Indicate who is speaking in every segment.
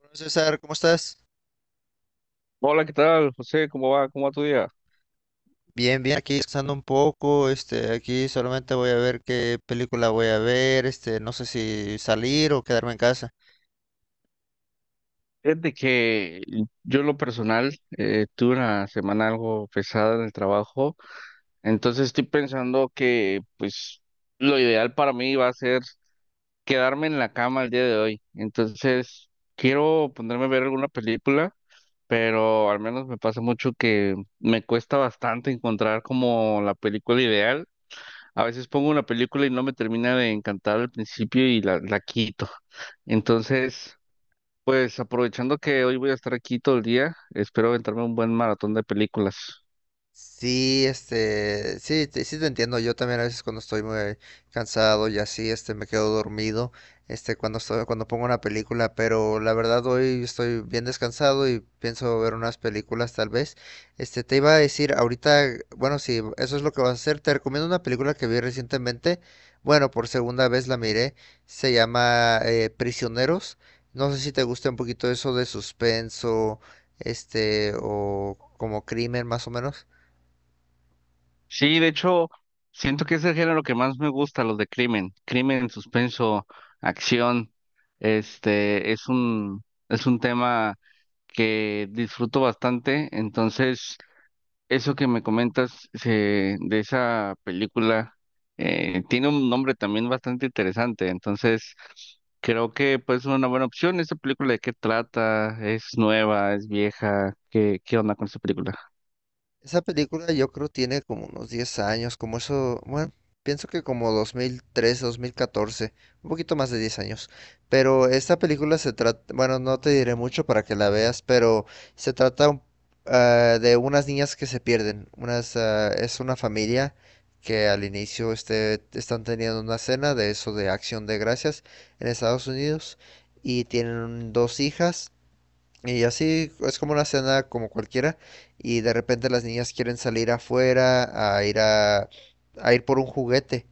Speaker 1: Hola, César, ¿cómo estás?
Speaker 2: Hola, ¿qué tal, José? ¿Cómo va? ¿Cómo va tu día?
Speaker 1: Bien, bien, aquí descansando un poco, aquí solamente voy a ver qué película voy a ver, no sé si salir o quedarme en casa.
Speaker 2: Fíjate que yo en lo personal tuve una semana algo pesada en el trabajo, entonces estoy pensando que pues lo ideal para mí va a ser quedarme en la cama el día de hoy. Entonces quiero ponerme a ver alguna película, pero al menos me pasa mucho que me cuesta bastante encontrar como la película ideal. A veces pongo una película y no me termina de encantar al principio y la quito. Entonces, pues aprovechando que hoy voy a estar aquí todo el día, espero aventarme un buen maratón de películas.
Speaker 1: Sí, sí, sí te entiendo. Yo también a veces cuando estoy muy cansado y así, me quedo dormido, cuando estoy, cuando pongo una película, pero la verdad hoy estoy bien descansado y pienso ver unas películas tal vez. Te iba a decir ahorita, bueno, si eso es lo que vas a hacer, te recomiendo una película que vi recientemente. Bueno, por segunda vez la miré. Se llama Prisioneros. No sé si te gusta un poquito eso de suspenso, o como crimen más o menos.
Speaker 2: Sí, de hecho, siento que es el género que más me gusta, los de crimen, crimen, suspenso, acción. Este es un es un tema que disfruto bastante, entonces eso que me comentas de esa película tiene un nombre también bastante interesante, entonces creo que pues es una buena opción. ¿Esa película de qué trata? ¿Es nueva? ¿Es vieja? ¿Qué, qué onda con esa película?
Speaker 1: Esa película yo creo tiene como unos 10 años, como eso, bueno, pienso que como 2003 2014 un poquito más de 10 años. Pero esta película se trata, bueno, no te diré mucho para que la veas, pero se trata un- ah, de unas niñas que se pierden. Es una familia que al inicio están teniendo una cena de eso de Acción de Gracias en Estados Unidos y tienen dos hijas. Y así es como una cena como cualquiera y de repente las niñas quieren salir afuera a ir a ir por un juguete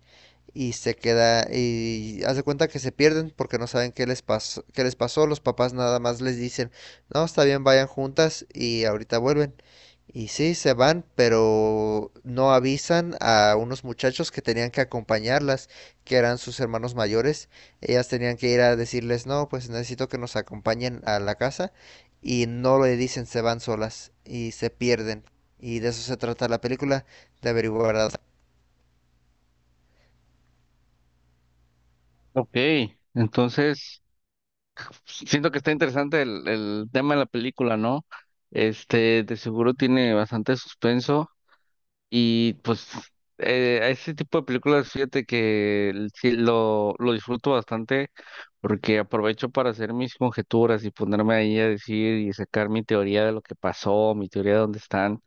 Speaker 1: y se queda y hace cuenta que se pierden porque no saben qué les pasó, los papás nada más les dicen, "No, está bien, vayan juntas y ahorita vuelven." Y sí, se van, pero no avisan a unos muchachos que tenían que acompañarlas, que eran sus hermanos mayores. Ellas tenían que ir a decirles, no, pues necesito que nos acompañen a la casa y no le dicen se van solas y se pierden. Y de eso se trata la película, de averiguar, verdad.
Speaker 2: Ok, entonces siento que está interesante el tema de la película, ¿no? Este, de seguro tiene bastante suspenso. Y pues a ese tipo de películas, fíjate que sí lo disfruto bastante porque aprovecho para hacer mis conjeturas y ponerme ahí a decir y sacar mi teoría de lo que pasó, mi teoría de dónde están.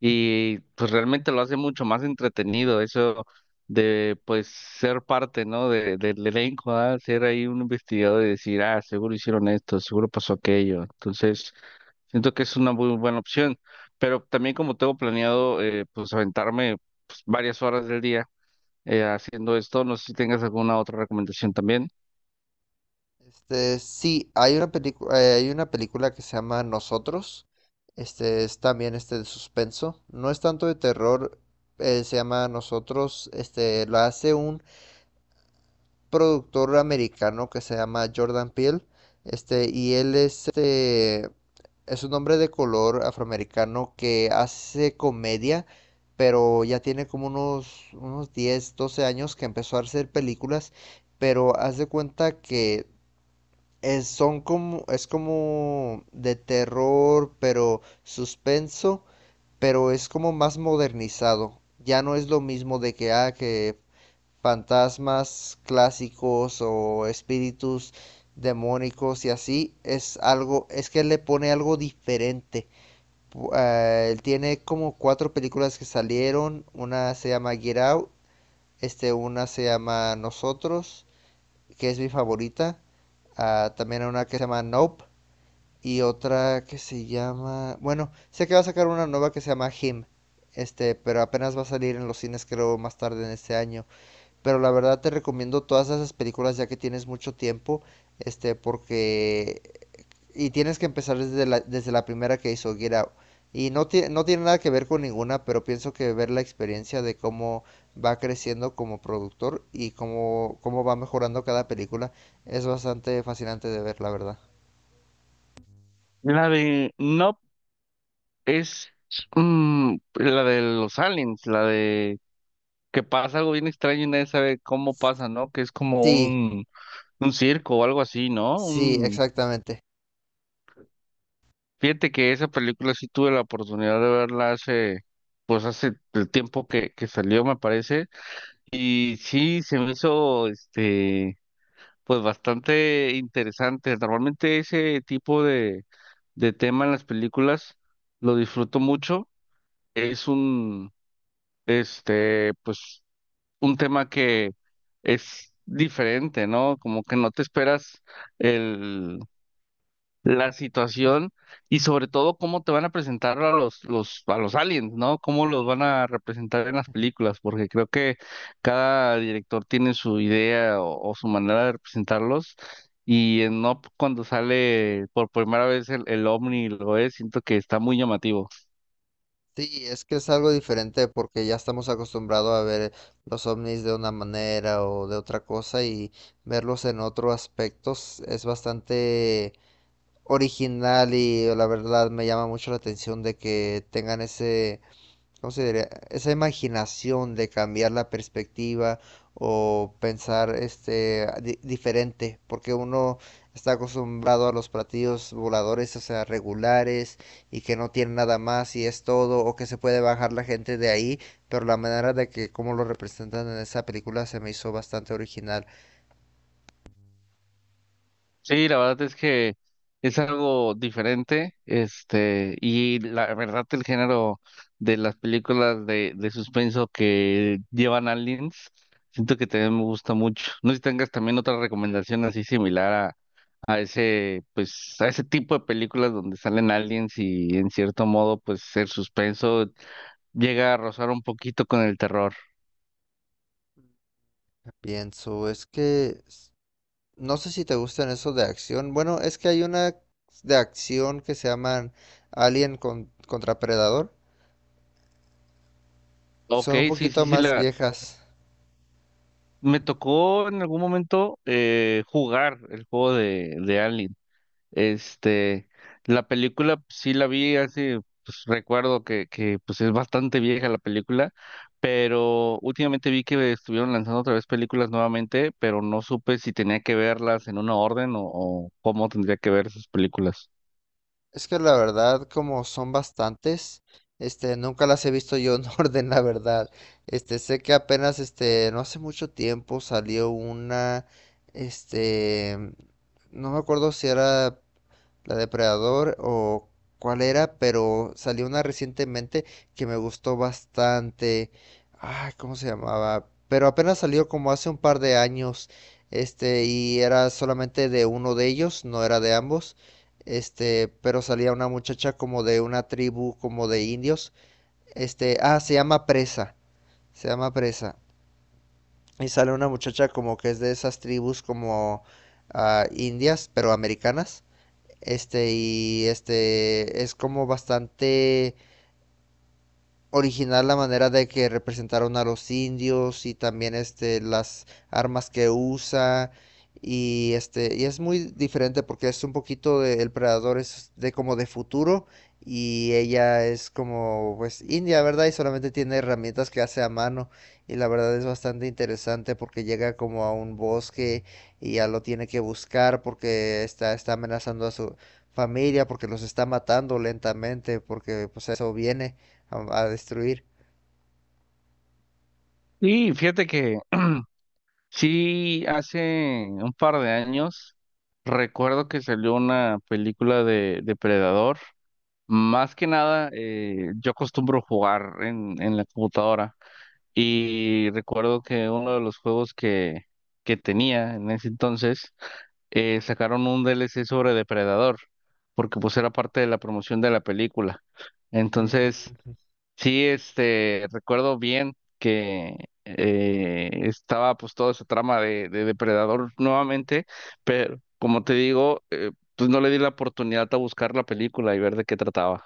Speaker 2: Y pues realmente lo hace mucho más entretenido eso de pues ser parte, ¿no? De, del elenco, ¿ah? Ser ahí un investigador y decir, ah, seguro hicieron esto, seguro pasó aquello. Entonces siento que es una muy buena opción, pero también como tengo planeado pues aventarme pues, varias horas del día haciendo esto, no sé si tengas alguna otra recomendación también.
Speaker 1: Sí, hay una película, que se llama Nosotros. Este es también de suspenso. No es tanto de terror, se llama Nosotros. Lo hace un productor americano que se llama Jordan Peele, y él es, es un hombre de color afroamericano que hace comedia, pero ya tiene como unos 10 12 años que empezó a hacer películas, pero haz de cuenta que es, son como, es como de terror, pero suspenso, pero es como más modernizado. Ya no es lo mismo de que, que fantasmas clásicos o espíritus demónicos y así, es algo, es que le pone algo diferente. Él tiene como cuatro películas que salieron, una se llama Get Out, una se llama Nosotros, que es mi favorita, también una que se llama Nope y otra que se llama, bueno, sé que va a sacar una nueva que se llama Him, pero apenas va a salir en los cines creo más tarde en este año. Pero la verdad te recomiendo todas esas películas ya que tienes mucho tiempo, porque... Y tienes que empezar desde desde la primera que hizo, Get Out. Y no, no tiene nada que ver con ninguna, pero pienso que ver la experiencia de cómo va creciendo como productor y cómo va mejorando cada película es bastante fascinante de ver, la verdad.
Speaker 2: La de no es la de los aliens, la de que pasa algo bien extraño y nadie sabe cómo pasa, ¿no? Que es como
Speaker 1: Sí,
Speaker 2: un circo o algo así, ¿no?
Speaker 1: sí,
Speaker 2: Un...
Speaker 1: exactamente.
Speaker 2: Fíjate que esa película sí tuve la oportunidad de verla hace, pues hace el tiempo que salió, me parece. Y sí, se me hizo este pues bastante interesante. Normalmente ese tipo de tema en las películas lo disfruto mucho. Es un este pues un tema que es diferente, ¿no? Como que no te esperas el la situación y sobre todo cómo te van a presentar a los, a los aliens, ¿no? Cómo los van a representar en las películas, porque creo que cada director tiene su idea o su manera de representarlos. Y en Up, cuando sale por primera vez el Omni, lo es, siento que está muy llamativo.
Speaker 1: Sí, es que es algo diferente porque ya estamos acostumbrados a ver los ovnis de una manera o de otra cosa y verlos en otros aspectos es bastante original y la verdad me llama mucho la atención de que tengan ese. ¿Cómo se diría? Esa imaginación de cambiar la perspectiva o pensar diferente, porque uno está acostumbrado a los platillos voladores, o sea, regulares y que no tienen nada más y es todo, o que se puede bajar la gente de ahí, pero la manera de que cómo lo representan en esa película se me hizo bastante original.
Speaker 2: Sí, la verdad es que es algo diferente, este, y la verdad el género de las películas de suspenso que llevan aliens, siento que también me gusta mucho. No sé si tengas también otra recomendación así similar a ese, pues, a ese tipo de películas donde salen aliens y en cierto modo, pues, el suspenso llega a rozar un poquito con el terror.
Speaker 1: Pienso, es que no sé si te gustan esos de acción. Bueno, es que hay una de acción que se llaman Alien contra Predador.
Speaker 2: Ok,
Speaker 1: Son un
Speaker 2: sí, sí,
Speaker 1: poquito
Speaker 2: sí,
Speaker 1: más
Speaker 2: la,
Speaker 1: viejas.
Speaker 2: me tocó en algún momento jugar el juego de Aliens. Este, la película pues, sí la vi hace, pues recuerdo que pues es bastante vieja la película, pero últimamente vi que estuvieron lanzando otra vez películas nuevamente, pero no supe si tenía que verlas en una orden o cómo tendría que ver esas películas.
Speaker 1: Es que la verdad, como son bastantes, nunca las he visto yo en orden, la verdad. Sé que apenas, no hace mucho tiempo salió una, este, no me acuerdo si era La Depredador o cuál era, pero salió una recientemente que me gustó bastante. Ay, ¿cómo se llamaba? Pero apenas salió como hace un par de años. Y era solamente de uno de ellos, no era de ambos. Pero salía una muchacha como de una tribu, como de indios. Se llama Presa. Se llama Presa. Y sale una muchacha como que es de esas tribus como indias, pero americanas. Es como bastante original la manera de que representaron a los indios y también las armas que usa y y es muy diferente porque es un poquito de el predador es de como de futuro y ella es como pues india, ¿verdad? Y solamente tiene herramientas que hace a mano y la verdad es bastante interesante porque llega como a un bosque y ya lo tiene que buscar porque está amenazando a su familia porque los está matando lentamente porque pues a eso viene a destruir.
Speaker 2: Y fíjate que sí, hace un par de años recuerdo que salió una película de Depredador. Más que nada, yo acostumbro jugar en la computadora. Y recuerdo que uno de los juegos que tenía en ese entonces sacaron un DLC sobre Depredador, porque pues era parte de la promoción de la película. Entonces,
Speaker 1: Mm,
Speaker 2: sí, este, recuerdo bien que estaba pues toda esa trama de Depredador nuevamente, pero como te digo, pues no le di la oportunidad a buscar la película y ver de qué trataba.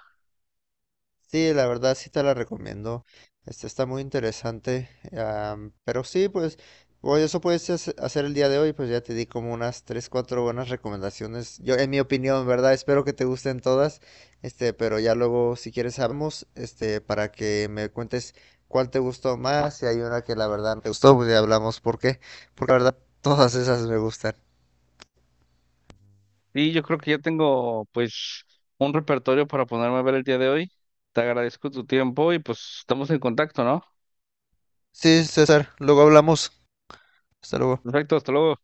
Speaker 1: Sí, la verdad sí te la recomiendo. Este está muy interesante. Pero sí, pues, bueno eso puedes hacer el día de hoy. Pues ya te di como unas 3 4 buenas recomendaciones. Yo, en mi opinión, ¿verdad? Espero que te gusten todas. Pero ya luego, si quieres, hablamos, para que me cuentes cuál te gustó más. Si hay una que la verdad no te gustó, pues ya hablamos por qué. Porque la verdad, todas esas me gustan.
Speaker 2: Y yo creo que ya tengo pues un repertorio para ponerme a ver el día de hoy. Te agradezco tu tiempo y pues estamos en contacto, ¿no?
Speaker 1: Sí, César, luego hablamos. Hasta luego.
Speaker 2: Perfecto, hasta luego.